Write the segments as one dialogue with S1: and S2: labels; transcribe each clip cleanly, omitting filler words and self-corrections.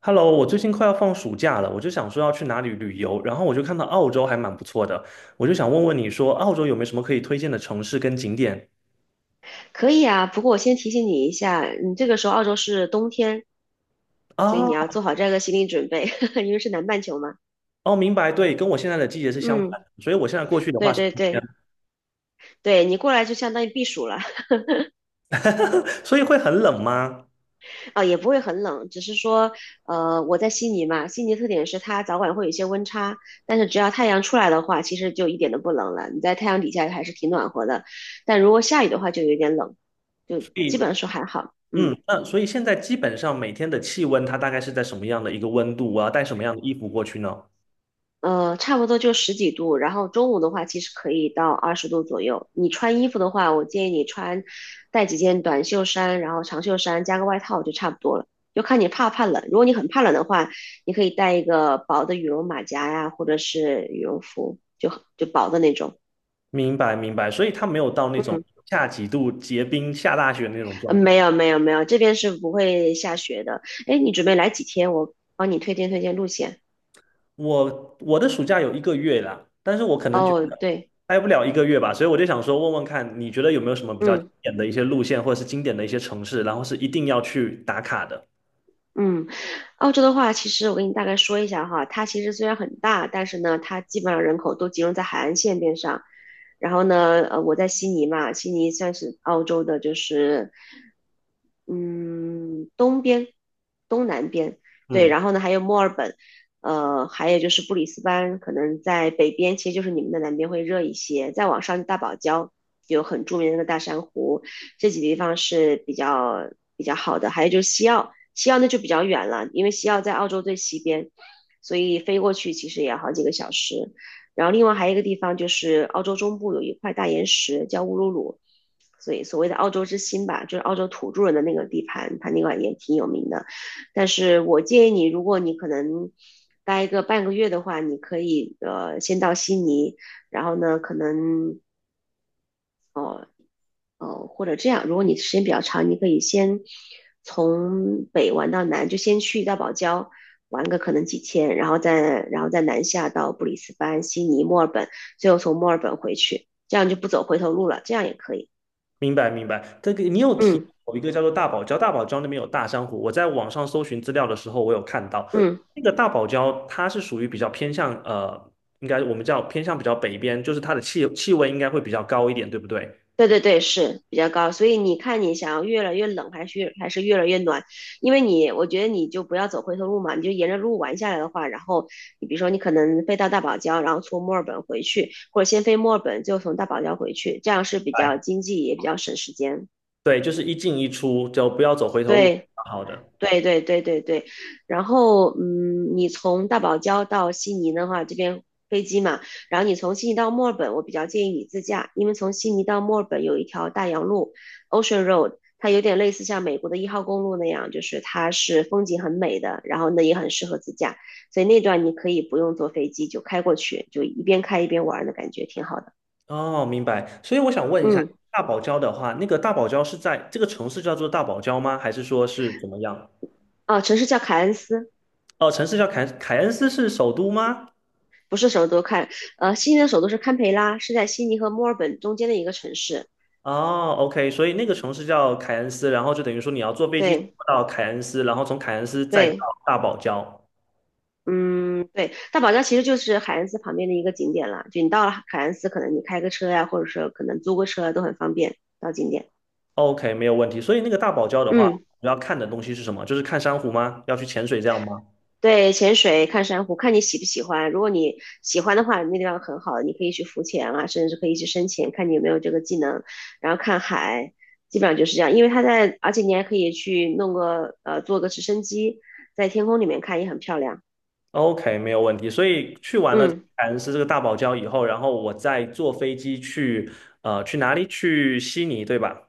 S1: Hello，我最近快要放暑假了，我就想说要去哪里旅游，然后我就看到澳洲还蛮不错的，我就想问问你说澳洲有没有什么可以推荐的城市跟景点
S2: 可以啊，不过我先提醒你一下，你这个时候澳洲是冬天，所以
S1: 啊？
S2: 你要做好这个心理准备，因为是南半球嘛。
S1: 哦，明白，对，跟我现在的季节是相反
S2: 嗯，
S1: 的所以我现在过去的话
S2: 对
S1: 是
S2: 对
S1: 冬天，
S2: 对对，你过来就相当于避暑了。
S1: 所以会很冷吗？
S2: 啊，也不会很冷，只是说，我在悉尼嘛，悉尼特点是它早晚会有一些温差，但是只要太阳出来的话，其实就一点都不冷了，你在太阳底下还是挺暖和的，但如果下雨的话就有点冷，就
S1: 所
S2: 基本
S1: 以，
S2: 上说还好，
S1: 嗯，
S2: 嗯。
S1: 那所以现在基本上每天的气温它大概是在什么样的一个温度啊？我要带什么样的衣服过去呢？
S2: 差不多就十几度，然后中午的话，其实可以到20度左右。你穿衣服的话，我建议你穿带几件短袖衫，然后长袖衫加个外套就差不多了。就看你怕不怕冷。如果你很怕冷的话，你可以带一个薄的羽绒马甲呀，或者是羽绒服，就薄的那种。
S1: 明白，明白，所以它没有到那种
S2: 嗯，
S1: 下几度结冰下大雪那种状态。
S2: 没有没有没有，这边是不会下雪的。哎，你准备来几天？我帮你推荐推荐路线。
S1: 我的暑假有一个月啦，但是我可能觉
S2: 哦，
S1: 得
S2: 对，
S1: 待不了一个月吧，所以我就想说问问看，你觉得有没有什么比较经
S2: 嗯。
S1: 典的一些路线，或者是经典的一些城市，然后是一定要去打卡的？
S2: 嗯，澳洲的话，其实我给你大概说一下哈，它其实虽然很大，但是呢，它基本上人口都集中在海岸线边上。然后呢，我在悉尼嘛，悉尼算是澳洲的，就是嗯东边、东南边，对。
S1: 嗯，
S2: 然后呢，还有墨尔本，还有就是布里斯班，可能在北边，其实就是你们的南边会热一些。再往上，大堡礁有很著名的那个大珊瑚，这几个地方是比较好的。还有就是西澳，西澳那就比较远了，因为西澳在澳洲最西边，所以飞过去其实也要好几个小时。然后另外还有一个地方就是澳洲中部有一块大岩石叫乌鲁鲁，所以所谓的澳洲之心吧，就是澳洲土著人的那个地盘，它那块也挺有名的。但是我建议你，如果你可能待个半个月的话，你可以先到悉尼，然后呢可能哦，或者这样，如果你时间比较长，你可以先从北玩到南，就先去到堡礁玩个可能几天，然后再南下到布里斯班、悉尼、墨尔本，最后从墨尔本回去，这样就不走回头路了，这样也可以。
S1: 明白明白。这个你有提到
S2: 嗯
S1: 有一个叫做大堡礁，大堡礁那边有大珊瑚，我在网上搜寻资料的时候，我有看到
S2: 嗯。
S1: 那个大堡礁，它是属于比较偏向应该我们叫偏向比较北边，就是它的气温应该会比较高一点，对不对？
S2: 对对对，是比较高，所以你看你想要越来越冷还是越来越暖，因为你我觉得你就不要走回头路嘛，你就沿着路玩下来的话，然后你比如说你可能飞到大堡礁，然后从墨尔本回去，或者先飞墨尔本，就从大堡礁回去，这样是比
S1: 哎，
S2: 较经济也比较省时间。
S1: 对，就是一进一出，就不要走回头路，
S2: 对，
S1: 好的。
S2: 对对对对对，然后嗯，你从大堡礁到悉尼的话，这边飞机嘛，然后你从悉尼到墨尔本，我比较建议你自驾，因为从悉尼到墨尔本有一条大洋路 （Ocean Road），它有点类似像美国的1号公路那样，就是它是风景很美的，然后呢也很适合自驾，所以那段你可以不用坐飞机就开过去，就一边开一边玩儿的感觉挺好的。
S1: 哦，明白。所以我想问一下，
S2: 嗯，
S1: 大堡礁的话，那个大堡礁是在这个城市叫做大堡礁吗？还是说是怎么样？
S2: 啊，城市叫凯恩斯，
S1: 哦，城市叫凯恩斯是首都吗？
S2: 不是首都看，悉尼的首都是堪培拉，是在悉尼和墨尔本中间的一个城市。
S1: 哦，OK，所以那个城市叫凯恩斯，然后就等于说你要坐飞机
S2: 对
S1: 到凯恩斯，然后从凯恩斯再到
S2: 对，
S1: 大堡礁。
S2: 嗯，对，大堡礁其实就是海恩斯旁边的一个景点啦。就你到了海恩斯，可能你开个车呀、或者说可能租个车啊都很方便到景点。
S1: OK，没有问题。所以那个大堡礁的话，
S2: 嗯，
S1: 主要看的东西是什么？就是看珊瑚吗？要去潜水这样吗？
S2: 对，潜水、看珊瑚，看你喜不喜欢。如果你喜欢的话，那地方很好，你可以去浮潜啊，甚至可以去深潜，看你有没有这个技能。然后看海，基本上就是这样。因为它在，而且你还可以去弄个坐个直升机在天空里面看，也很漂亮。
S1: OK，没有问题。所以去完了
S2: 嗯。
S1: 凯恩斯这个大堡礁以后，然后我再坐飞机去去哪里？去悉尼，对吧？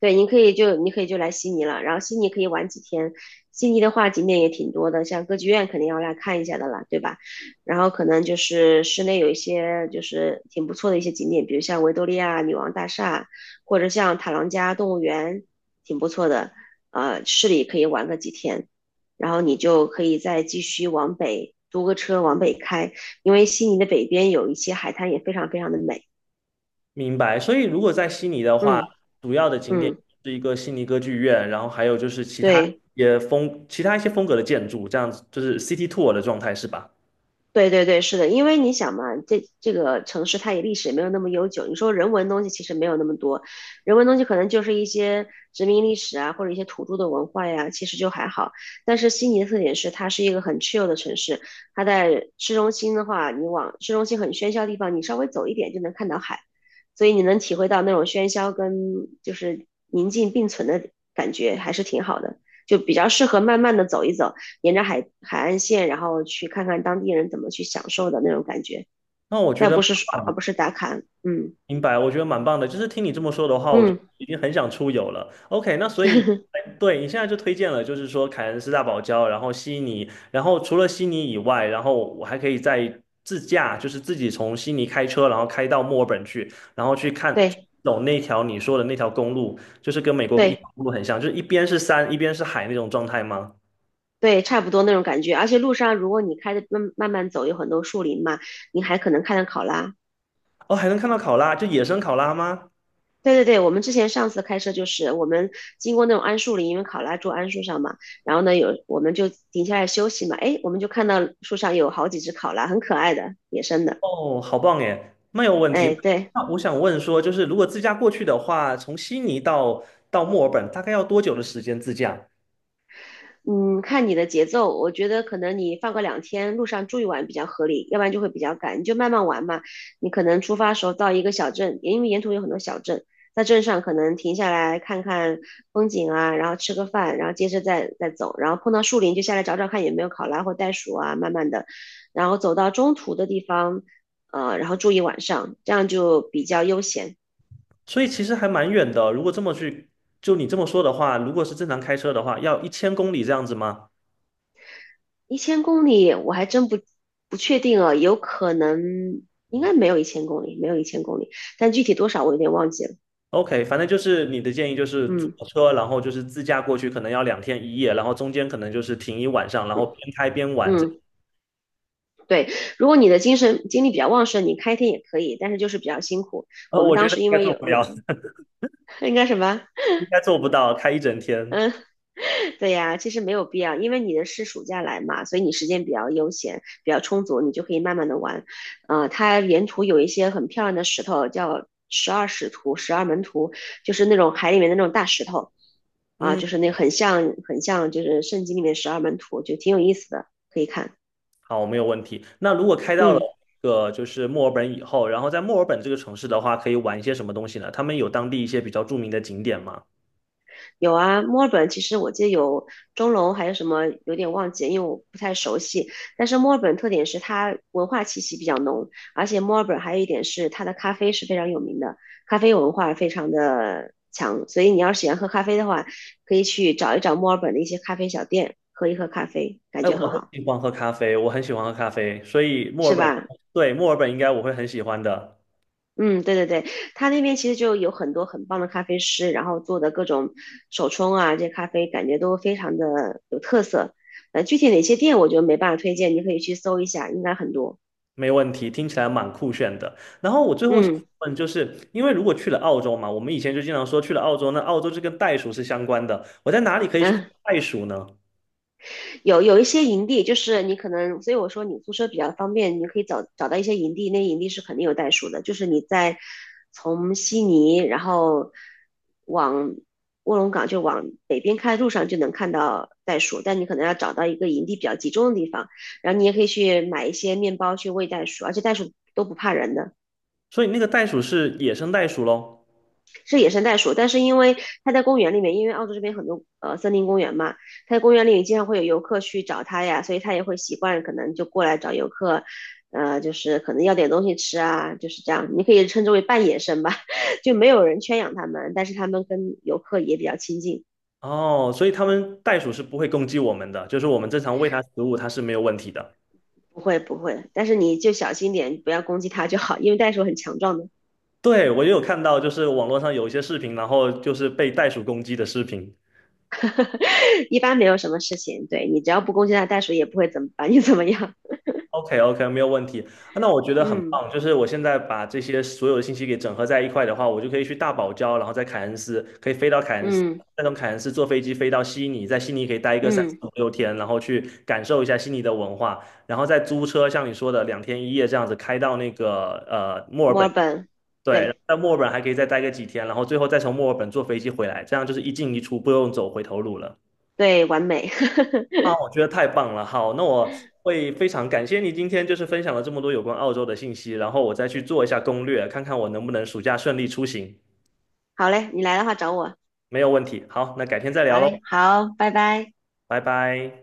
S2: 对，你可以就你可以就来悉尼了，然后悉尼可以玩几天。悉尼的话景点也挺多的，像歌剧院肯定要来看一下的啦，对吧？然后可能就是室内有一些就是挺不错的一些景点，比如像维多利亚女王大厦，或者像塔朗加动物园，挺不错的。市里可以玩个几天，然后你就可以再继续往北，租个车往北开，因为悉尼的北边有一些海滩也非常非常的美。
S1: 明白。所以如果在悉尼的话，
S2: 嗯
S1: 主要的景点
S2: 嗯，
S1: 是一个悉尼歌剧院，然后还有就是其他
S2: 对。
S1: 一些风其他一些风格的建筑，这样子就是 City Tour 的状态是吧？
S2: 对对对，是的，因为你想嘛，这个城市它也历史也没有那么悠久，你说人文东西其实没有那么多，人文东西可能就是一些殖民历史啊，或者一些土著的文化呀，其实就还好。但是悉尼的特点是它是一个很 chill 的城市，它在市中心的话，你往市中心很喧嚣的地方，你稍微走一点就能看到海，所以你能体会到那种喧嚣跟就是宁静并存的感觉，还是挺好的，就比较适合慢慢的走一走。沿着海岸线，然后去看看当地人怎么去享受的那种感觉，
S1: 那我觉
S2: 但
S1: 得。
S2: 不是刷，而不是打卡，嗯
S1: 明白，我觉得蛮棒的。就是听你这么说的话，我就
S2: 嗯，
S1: 已经很想出游了。OK，那所以，哎对，你现在就推荐了，就是说凯恩斯大堡礁，然后悉尼，然后除了悉尼以外，然后我还可以再自驾，就是自己从悉尼开车，然后开到墨尔本去，然后去看
S2: 对
S1: 走那条你说的那条公路，就是跟美国一
S2: 对
S1: 条公路很像，就是一边是山，一边是海那种状态吗？
S2: 对，差不多那种感觉。而且路上如果你开着慢慢走，有很多树林嘛，你还可能看到考拉。
S1: 哦，还能看到考拉，就野生考拉吗？
S2: 对对对，我们之前上次开车就是我们经过那种桉树林，因为考拉住桉树上嘛，然后呢有我们就停下来休息嘛，哎，我们就看到树上有好几只考拉，很可爱的野生的，
S1: 哦，好棒耶，没有问题。
S2: 哎，
S1: 那
S2: 对。
S1: 那我想问说，就是如果自驾过去的话，从悉尼到墨尔本大概要多久的时间自驾？
S2: 嗯，看你的节奏，我觉得可能你放个2天，路上住一晚比较合理，要不然就会比较赶。你就慢慢玩嘛，你可能出发的时候到一个小镇，因为沿途有很多小镇，在镇上可能停下来看看风景啊，然后吃个饭，然后接着再走，然后碰到树林就下来找找看有没有考拉或袋鼠啊，慢慢的，然后走到中途的地方，然后住一晚上，这样就比较悠闲。
S1: 所以其实还蛮远的。如果这么去，就你这么说的话，如果是正常开车的话，要1000公里这样子吗
S2: 一千公里我还真不确定啊，有可能应该没有一千公里，没有一千公里，但具体多少我有点忘记了。
S1: ？OK，反正就是你的建议就是租
S2: 嗯
S1: 车，然后就是自驾过去，可能要两天一夜，然后中间可能就是停一晚上，然
S2: 嗯
S1: 后边开边玩这样。
S2: 嗯，对，如果你的精力比较旺盛，你开天也可以，但是就是比较辛苦。
S1: 呃，
S2: 我们
S1: 我
S2: 当
S1: 觉得
S2: 时
S1: 应
S2: 因
S1: 该
S2: 为
S1: 做
S2: 有
S1: 不
S2: 有
S1: 了，
S2: 应该什么？
S1: 应该做不到开一整天。
S2: 嗯，对呀，其实没有必要，因为你的是暑假来嘛，所以你时间比较悠闲，比较充足，你就可以慢慢的玩。它沿途有一些很漂亮的石头，叫十二使徒、十二门徒，就是那种海里面的那种大石头啊，
S1: 嗯。
S2: 就是那很像就是圣经里面十二门徒，就挺有意思的，可以看。
S1: 好，没有问题。那如果开到了
S2: 嗯。
S1: 一个就是墨尔本以后，然后在墨尔本这个城市的话，可以玩一些什么东西呢？他们有当地一些比较著名的景点吗？
S2: 有啊，墨尔本其实我记得有钟楼，还有什么有点忘记了，因为我不太熟悉。但是墨尔本特点是它文化气息比较浓，而且墨尔本还有一点是它的咖啡是非常有名的，咖啡文化非常的强。所以你要是喜欢喝咖啡的话，可以去找一找墨尔本的一些咖啡小店，喝一喝咖啡，感
S1: 哎，
S2: 觉
S1: 我
S2: 很
S1: 很
S2: 好，
S1: 喜欢喝咖啡，我很喜欢喝咖啡，所以墨
S2: 是
S1: 尔本，
S2: 吧？
S1: 对，墨尔本应该我会很喜欢的，
S2: 嗯，对对对，他那边其实就有很多很棒的咖啡师，然后做的各种手冲啊，这咖啡感觉都非常的有特色。具体哪些店我就没办法推荐，你可以去搜一下，应该很多。
S1: 没问题，听起来蛮酷炫的。然后我最后想
S2: 嗯
S1: 问，就是因为如果去了澳洲嘛，我们以前就经常说去了澳洲，那澳洲这跟袋鼠是相关的，我在哪里可以去看
S2: 嗯。
S1: 袋鼠呢？
S2: 有有一些营地，就是你可能，所以我说你租车比较方便，你可以找到一些营地，那营地是肯定有袋鼠的，就是你在从悉尼，然后往卧龙岗就往北边开的路上就能看到袋鼠，但你可能要找到一个营地比较集中的地方，然后你也可以去买一些面包去喂袋鼠，而且袋鼠都不怕人的。
S1: 所以那个袋鼠是野生袋鼠喽？
S2: 是野生袋鼠，但是因为它在公园里面，因为澳洲这边很多森林公园嘛，它在公园里面经常会有游客去找它呀，所以它也会习惯可能就过来找游客，就是可能要点东西吃啊，就是这样，你可以称之为半野生吧，就没有人圈养它们，但是它们跟游客也比较亲近，
S1: 哦，所以他们袋鼠是不会攻击我们的，就是我们正常喂它食物，它是没有问题的。
S2: 不会不会，但是你就小心点，不要攻击它就好，因为袋鼠很强壮的，
S1: 对，我也有看到，就是网络上有一些视频，然后就是被袋鼠攻击的视频。
S2: 一般没有什么事情，对你只要不攻击它，袋鼠也不会怎么把你怎么样，
S1: OK OK，没有问题。啊那我觉得很
S2: 嗯
S1: 棒，就是我现在把这些所有的信息给整合在一块的话，我就可以去大堡礁，然后在凯恩斯可以飞到凯恩斯，
S2: 嗯
S1: 再从凯恩斯坐飞机飞到悉尼，在悉尼可以待一个三四
S2: 嗯。
S1: 五六天，然后去感受一下悉尼的文化，然后再租车，像你说的两天一夜这样子开到那个墨尔
S2: 墨尔
S1: 本。
S2: 本，
S1: 对，
S2: 对
S1: 在墨尔本还可以再待个几天，然后最后再从墨尔本坐飞机回来，这样就是一进一出，不用走回头路了。
S2: 对，完美。
S1: 啊，我觉得太棒了。好，那我会非常感谢你今天就是分享了这么多有关澳洲的信息，然后我再去做一下攻略，看看我能不能暑假顺利出行。
S2: 好嘞，你来的话找我。
S1: 没有问题。好，那改天再聊
S2: 好嘞，
S1: 喽，
S2: 好，拜拜。
S1: 拜拜。